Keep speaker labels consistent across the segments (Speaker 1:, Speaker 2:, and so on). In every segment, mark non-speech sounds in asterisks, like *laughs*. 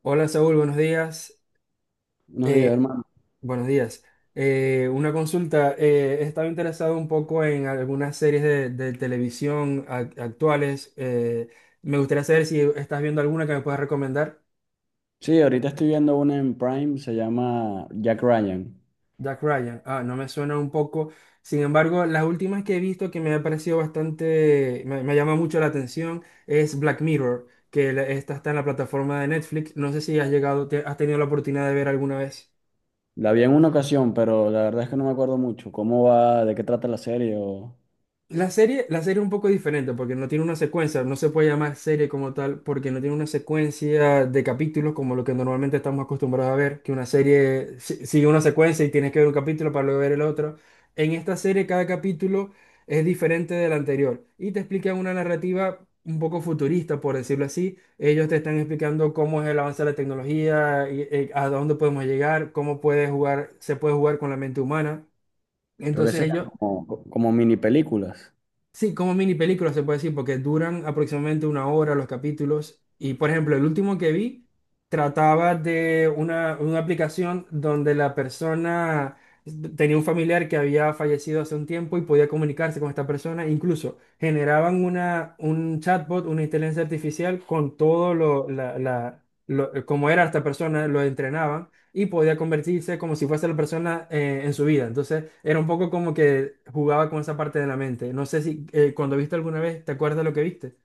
Speaker 1: Hola Saúl, buenos días.
Speaker 2: Buenos
Speaker 1: Eh,
Speaker 2: días, hermano.
Speaker 1: buenos días. Una consulta. He estado interesado un poco en algunas series de televisión actuales. Me gustaría saber si estás viendo alguna que me puedas recomendar.
Speaker 2: Sí, ahorita estoy viendo una en Prime, se llama Jack Ryan.
Speaker 1: Jack Ryan. Ah, no me suena un poco. Sin embargo, las últimas que he visto que me ha parecido bastante, me llama mucho la atención es Black Mirror, esta está en la plataforma de Netflix. No sé si has llegado, has tenido la oportunidad de ver alguna vez.
Speaker 2: La vi en una ocasión, pero la verdad es que no me acuerdo mucho cómo va, de qué trata la serie o
Speaker 1: La serie es un poco diferente porque no tiene una secuencia, no se puede llamar serie como tal porque no tiene una secuencia de capítulos como lo que normalmente estamos acostumbrados a ver, que una serie sigue una secuencia y tienes que ver un capítulo para luego ver el otro. En esta serie cada capítulo es diferente del anterior y te explican una narrativa un poco futurista, por decirlo así. Ellos te están explicando cómo es el avance de la tecnología, a dónde podemos llegar, cómo puede jugar, se puede jugar con la mente humana.
Speaker 2: lo que
Speaker 1: Entonces
Speaker 2: sea,
Speaker 1: ellos.
Speaker 2: como, como mini películas.
Speaker 1: Sí, como mini películas se puede decir, porque duran aproximadamente una hora los capítulos. Y por ejemplo, el último que vi trataba de una aplicación donde la persona tenía un familiar que había fallecido hace un tiempo y podía comunicarse con esta persona. Incluso generaban un chatbot, una inteligencia artificial con todo lo, la- lo- como era esta persona, lo entrenaban y podía convertirse como si fuese la persona en su vida. Entonces era un poco como que jugaba con esa parte de la mente. No sé si cuando viste alguna vez, ¿te acuerdas de lo que viste?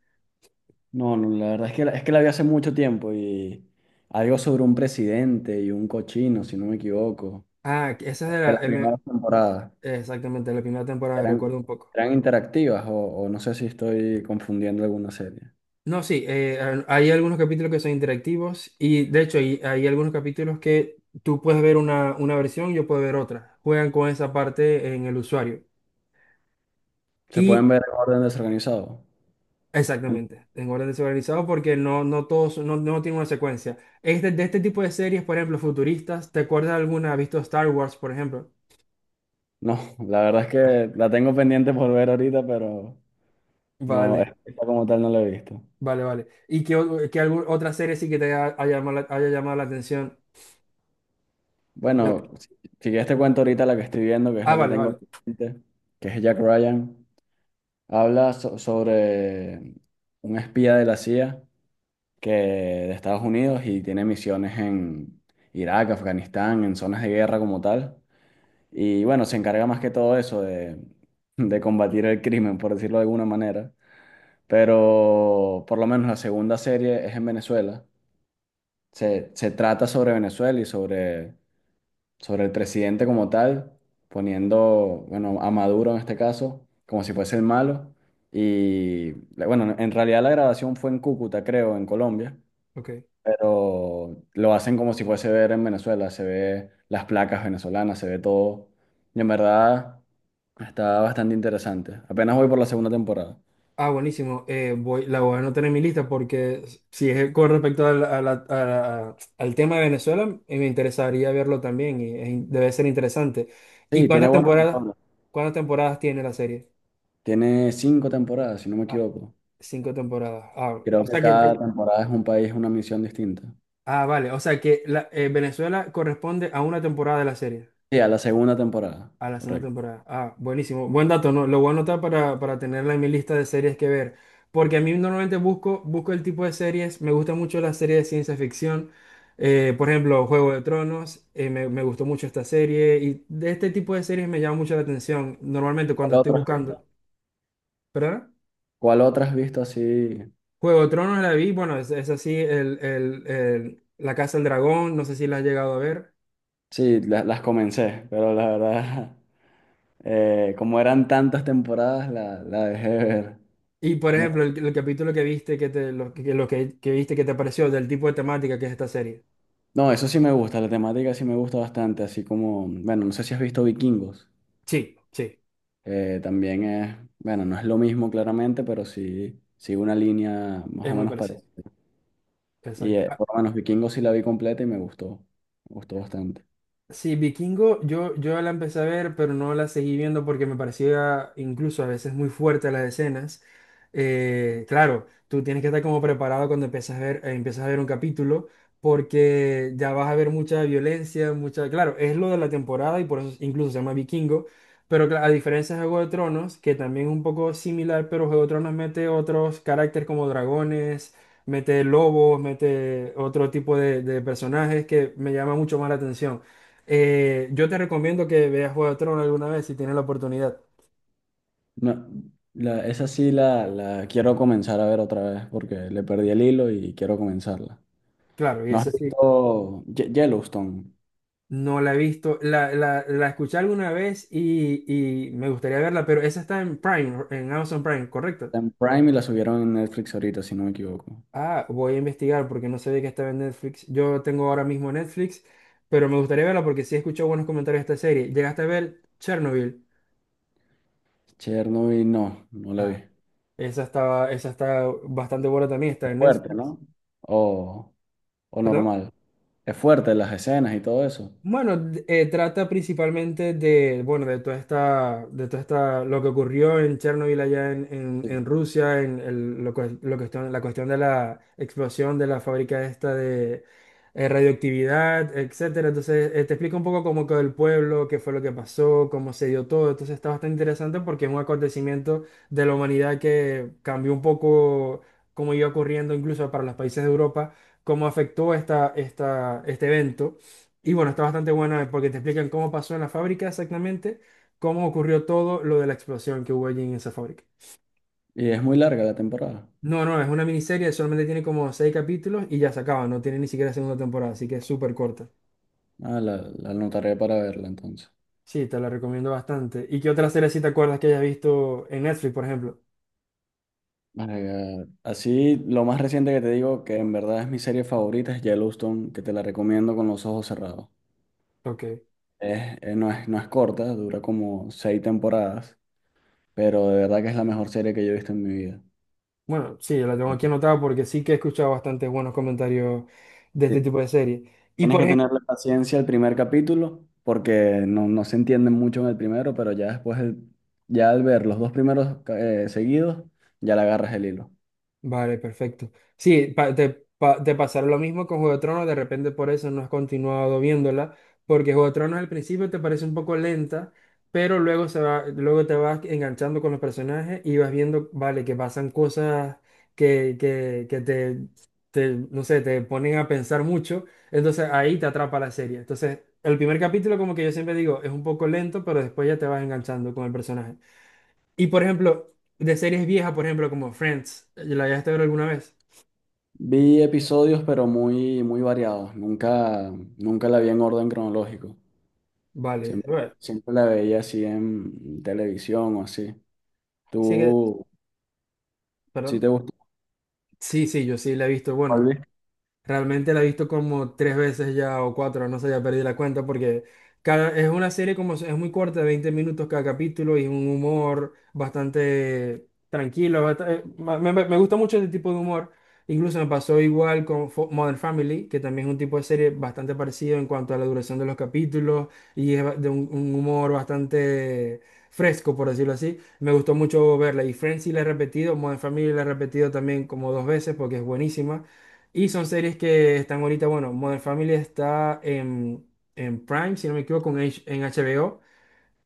Speaker 2: No, la verdad es que, es que la vi hace mucho tiempo y algo sobre un presidente y un cochino, si no me equivoco,
Speaker 1: Ah, que esa
Speaker 2: de
Speaker 1: era
Speaker 2: las primeras temporadas.
Speaker 1: exactamente la primera temporada,
Speaker 2: Eran,
Speaker 1: recuerdo un poco.
Speaker 2: eran interactivas o no sé si estoy confundiendo alguna serie.
Speaker 1: No, sí, hay algunos capítulos que son interactivos y de hecho hay algunos capítulos que tú puedes ver una versión, yo puedo ver otra. Juegan con esa parte en el usuario.
Speaker 2: Se pueden
Speaker 1: Y
Speaker 2: ver en orden desorganizado.
Speaker 1: exactamente, en orden desorganizado porque no, no todos, no, no tiene una secuencia. Este, de este tipo de series, por ejemplo, futuristas, ¿te acuerdas de alguna? ¿Has visto Star Wars, por ejemplo?
Speaker 2: No, la verdad es que la tengo pendiente por ver ahorita, pero no,
Speaker 1: Vale,
Speaker 2: esta como tal no la he visto.
Speaker 1: vale, vale. ¿Y qué, qué otra serie sí que te haya, la haya llamado la atención? Vale.
Speaker 2: Bueno, si, si ya te cuento ahorita la que estoy viendo, que es
Speaker 1: Ah,
Speaker 2: la que
Speaker 1: vale,
Speaker 2: tengo
Speaker 1: vale,
Speaker 2: pendiente, que es Jack Ryan, habla sobre un espía de la CIA que de Estados Unidos y tiene misiones en Irak, Afganistán, en zonas de guerra como tal. Y bueno, se encarga más que todo eso de combatir el crimen, por decirlo de alguna manera. Pero por lo menos la segunda serie es en Venezuela se trata sobre Venezuela sobre el presidente como tal, poniendo, bueno, a Maduro en este caso, como si fuese el malo. Y bueno, en realidad la grabación fue en Cúcuta, creo, en Colombia,
Speaker 1: ok.
Speaker 2: pero lo hacen como si fuese ver en Venezuela, se ve las placas venezolanas, se ve todo. Y en verdad está bastante interesante. Apenas voy por la segunda temporada.
Speaker 1: Ah, buenísimo. Voy, la voy a anotar en mi lista porque si es con respecto a al tema de Venezuela, me interesaría verlo también y es debe ser interesante. ¿Y
Speaker 2: Sí, tiene
Speaker 1: cuántas
Speaker 2: buenos
Speaker 1: temporadas,
Speaker 2: actores.
Speaker 1: ¿cuántas temporadas tiene la serie?
Speaker 2: Tiene cinco temporadas, si no me
Speaker 1: Ah,
Speaker 2: equivoco.
Speaker 1: cinco temporadas. Ah,
Speaker 2: Creo
Speaker 1: o
Speaker 2: que
Speaker 1: sea que
Speaker 2: cada temporada es un país, una misión distinta.
Speaker 1: ah, vale. O sea que Venezuela corresponde a una temporada de la serie.
Speaker 2: Sí, a la segunda temporada,
Speaker 1: A la segunda
Speaker 2: correcto.
Speaker 1: temporada. Ah, buenísimo. Buen dato, ¿no? Lo voy a anotar para tenerla en mi lista de series que ver. Porque a mí normalmente busco el tipo de series. Me gusta mucho las series de ciencia ficción. Por ejemplo, Juego de Tronos. Me gustó mucho esta serie. Y de este tipo de series me llama mucho la atención. Normalmente cuando
Speaker 2: ¿Cuál
Speaker 1: estoy
Speaker 2: otra has
Speaker 1: buscando.
Speaker 2: visto?
Speaker 1: ¿Perdona?
Speaker 2: ¿Cuál otra has visto así?
Speaker 1: Juego de Tronos la vi, bueno, es así, La Casa del Dragón, no sé si la has llegado a ver.
Speaker 2: Sí, las comencé, pero la verdad, *laughs* como eran tantas temporadas, la dejé de ver.
Speaker 1: Y por
Speaker 2: A mí-
Speaker 1: ejemplo, el capítulo que viste, que te, lo que viste que te pareció del tipo de temática que es esta serie.
Speaker 2: No, eso sí me gusta, la temática sí me gusta bastante, así como, bueno, no sé si has visto Vikingos,
Speaker 1: Sí, sí,
Speaker 2: también es, bueno, no es lo mismo claramente, pero sí una línea más
Speaker 1: es
Speaker 2: o
Speaker 1: muy
Speaker 2: menos
Speaker 1: parecido.
Speaker 2: parecida. Y
Speaker 1: Exacto.
Speaker 2: por lo menos Vikingos sí la vi completa y me gustó bastante.
Speaker 1: Sí, Vikingo, yo la empecé a ver, pero no la seguí viendo porque me parecía incluso a veces muy fuerte las escenas. Claro, tú tienes que estar como preparado cuando empiezas a ver un capítulo, porque ya vas a ver mucha violencia, mucha... Claro, es lo de la temporada y por eso incluso se llama Vikingo, pero a diferencia de Juego de Tronos, que también es un poco similar, pero Juego de Tronos mete otros caracteres como dragones, mete lobos, mete otro tipo de personajes que me llama mucho más la atención. Yo te recomiendo que veas Juego de Tronos alguna vez si tienes la oportunidad.
Speaker 2: No, esa sí la quiero comenzar a ver otra vez porque le perdí el hilo y quiero comenzarla.
Speaker 1: Claro, y
Speaker 2: ¿No has
Speaker 1: esa sí,
Speaker 2: visto Yellowstone?
Speaker 1: no la he visto, la escuché alguna vez y me gustaría verla, pero esa está en Prime, en Amazon Prime, ¿correcto?
Speaker 2: Está en Prime y la subieron en Netflix ahorita, si no me equivoco.
Speaker 1: Ah, voy a investigar porque no sabía que estaba en Netflix. Yo tengo ahora mismo Netflix, pero me gustaría verla porque sí he escuchado buenos comentarios de esta serie. ¿Llegaste a ver Chernobyl?
Speaker 2: Chernobyl, no, no la vi.
Speaker 1: Ah, esa está bastante buena también, está
Speaker 2: Es
Speaker 1: en
Speaker 2: fuerte,
Speaker 1: Netflix.
Speaker 2: ¿no? O, o
Speaker 1: ¿Perdón?
Speaker 2: normal. Es fuerte las escenas y todo eso.
Speaker 1: Bueno, trata principalmente de, bueno, de toda esta, lo que ocurrió en Chernobyl allá en,
Speaker 2: Sí.
Speaker 1: en Rusia, en el- lo, que- lo cuestión, la cuestión de la explosión de la fábrica esta de radioactividad, etcétera. Entonces, te explica un poco cómo quedó el pueblo, qué fue lo que pasó, cómo se dio todo. Entonces, está bastante interesante porque es un acontecimiento de la humanidad que cambió un poco cómo iba ocurriendo incluso para los países de Europa, cómo afectó este evento y bueno, está bastante buena porque te explican cómo pasó en la fábrica exactamente, cómo ocurrió todo lo de la explosión que hubo allí en esa fábrica.
Speaker 2: Y es muy larga la temporada.
Speaker 1: No, no, es una miniserie, solamente tiene como seis capítulos y ya se acaba, no tiene ni siquiera segunda temporada, así que es súper corta.
Speaker 2: Ah, la anotaré para verla entonces.
Speaker 1: Sí, te la recomiendo bastante. ¿Y qué otra serie si te acuerdas que hayas visto en Netflix, por ejemplo?
Speaker 2: My God. Así, lo más reciente que te digo, que en verdad es mi serie favorita, es Yellowstone, que te la recomiendo con los ojos cerrados.
Speaker 1: Ok.
Speaker 2: No no es corta, dura como seis temporadas, pero de verdad que es la mejor serie que yo he visto en mi vida.
Speaker 1: Bueno, sí, la tengo aquí anotada porque sí que he escuchado bastantes buenos comentarios de
Speaker 2: Sí,
Speaker 1: este tipo de serie. Y
Speaker 2: tienes
Speaker 1: por.
Speaker 2: que tenerle paciencia al primer capítulo, porque no se entiende mucho en el primero, pero ya después, ya al ver los dos primeros seguidos, ya le agarras el hilo.
Speaker 1: Vale, perfecto. Sí, te pasará lo mismo con Juego de Tronos, de repente por eso no has continuado viéndola, porque Juego de Tronos al principio te parece un poco lenta, pero luego, se va, luego te vas enganchando con los personajes y vas viendo, vale, que pasan cosas que te, no sé, te ponen a pensar mucho, entonces ahí te atrapa la serie. Entonces, el primer capítulo, como que yo siempre digo, es un poco lento, pero después ya te vas enganchando con el personaje. Y por ejemplo, de series viejas, por ejemplo, como Friends, ¿la llegaste a ver alguna vez?
Speaker 2: Vi episodios, pero muy, muy variados. Nunca, nunca la vi en orden cronológico.
Speaker 1: Vale,
Speaker 2: Siempre,
Speaker 1: bueno,
Speaker 2: siempre la veía así en televisión o así.
Speaker 1: sí que,
Speaker 2: ¿Tú sí
Speaker 1: perdón.
Speaker 2: te gusta?
Speaker 1: Sí, sí, yo sí la he visto, bueno,
Speaker 2: ¿Barbie?
Speaker 1: realmente la he visto como tres veces ya o cuatro, no sé, ya perdí la cuenta porque cada, es una serie como es muy corta, 20 minutos cada capítulo y un humor bastante tranquilo. Me gusta mucho este tipo de humor. Incluso me pasó igual con Modern Family, que también es un tipo de serie bastante parecido en cuanto a la duración de los capítulos y es de un humor bastante fresco, por decirlo así. Me gustó mucho verla y Friends sí la he repetido, Modern Family la he repetido también como dos veces porque es buenísima. Y son series que están ahorita, bueno, Modern Family está en Prime, si no me equivoco, en HBO,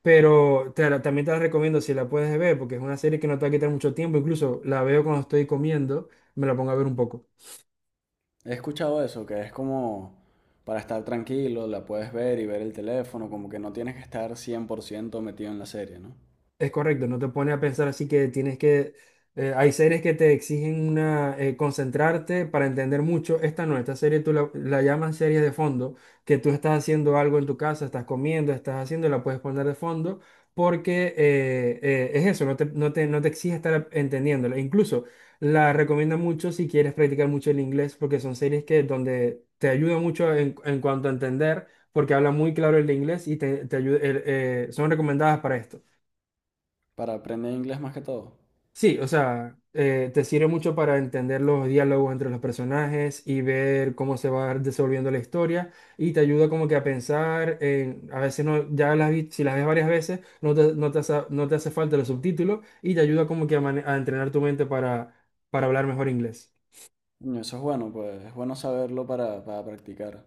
Speaker 1: pero también te la recomiendo si la puedes ver, porque es una serie que no te va a quitar mucho tiempo, incluso la veo cuando estoy comiendo, me la pongo a ver un poco.
Speaker 2: He escuchado eso, que es como para estar tranquilo, la puedes ver y ver el teléfono, como que no tienes que estar 100% metido en la serie, ¿no?
Speaker 1: Es correcto, no te pone a pensar así que tienes que... Hay series que te exigen una, concentrarte para entender mucho. Esta no, esta serie la llamas serie de fondo, que tú estás haciendo algo en tu casa, estás comiendo, estás haciendo, la puedes poner de fondo, porque es eso, no te exige estar entendiéndola. Incluso la recomiendo mucho si quieres practicar mucho el inglés, porque son series que donde te ayuda mucho en cuanto a entender, porque habla muy claro el inglés y son recomendadas para esto.
Speaker 2: Para aprender inglés más que todo.
Speaker 1: Sí, o sea, te sirve mucho para entender los diálogos entre los personajes y ver cómo se va desenvolviendo la historia y te ayuda como que a pensar en, a veces no, si las ves varias veces, no te hace falta los subtítulos y te ayuda como que a entrenar tu mente para hablar mejor inglés.
Speaker 2: Coño, eso es bueno, pues es bueno saberlo para practicar,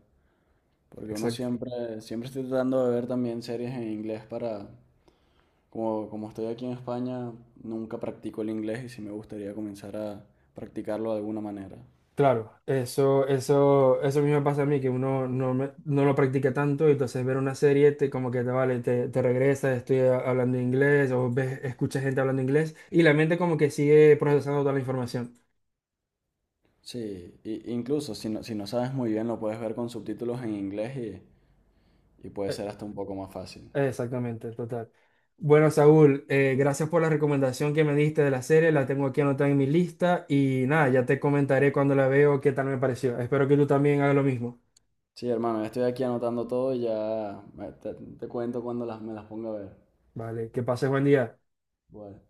Speaker 2: porque uno
Speaker 1: Exacto.
Speaker 2: siempre, siempre estoy tratando de ver también series en inglés como, como estoy aquí en España, nunca practico el inglés y sí me gustaría comenzar a practicarlo de alguna manera.
Speaker 1: Claro, eso mismo me pasa a mí, que uno no, me- no lo practica tanto, y entonces ver una serie te, como que te vale, te regresa, estoy hablando inglés, o ves, escuchas gente hablando inglés, y la mente como que sigue procesando toda la información.
Speaker 2: Sí, i- incluso si no, si no sabes muy bien lo puedes ver con subtítulos en inglés y puede
Speaker 1: Eh,
Speaker 2: ser hasta un poco más fácil.
Speaker 1: Exactamente, total. Bueno, Saúl, gracias por la recomendación que me diste de la serie, la tengo aquí anotada en mi lista, y nada, ya te comentaré cuando la veo qué tal me pareció. Espero que tú también hagas lo mismo.
Speaker 2: Sí, hermano, ya estoy aquí anotando todo y ya te cuento cuando me las ponga a ver.
Speaker 1: Vale, que pases buen día.
Speaker 2: Bueno.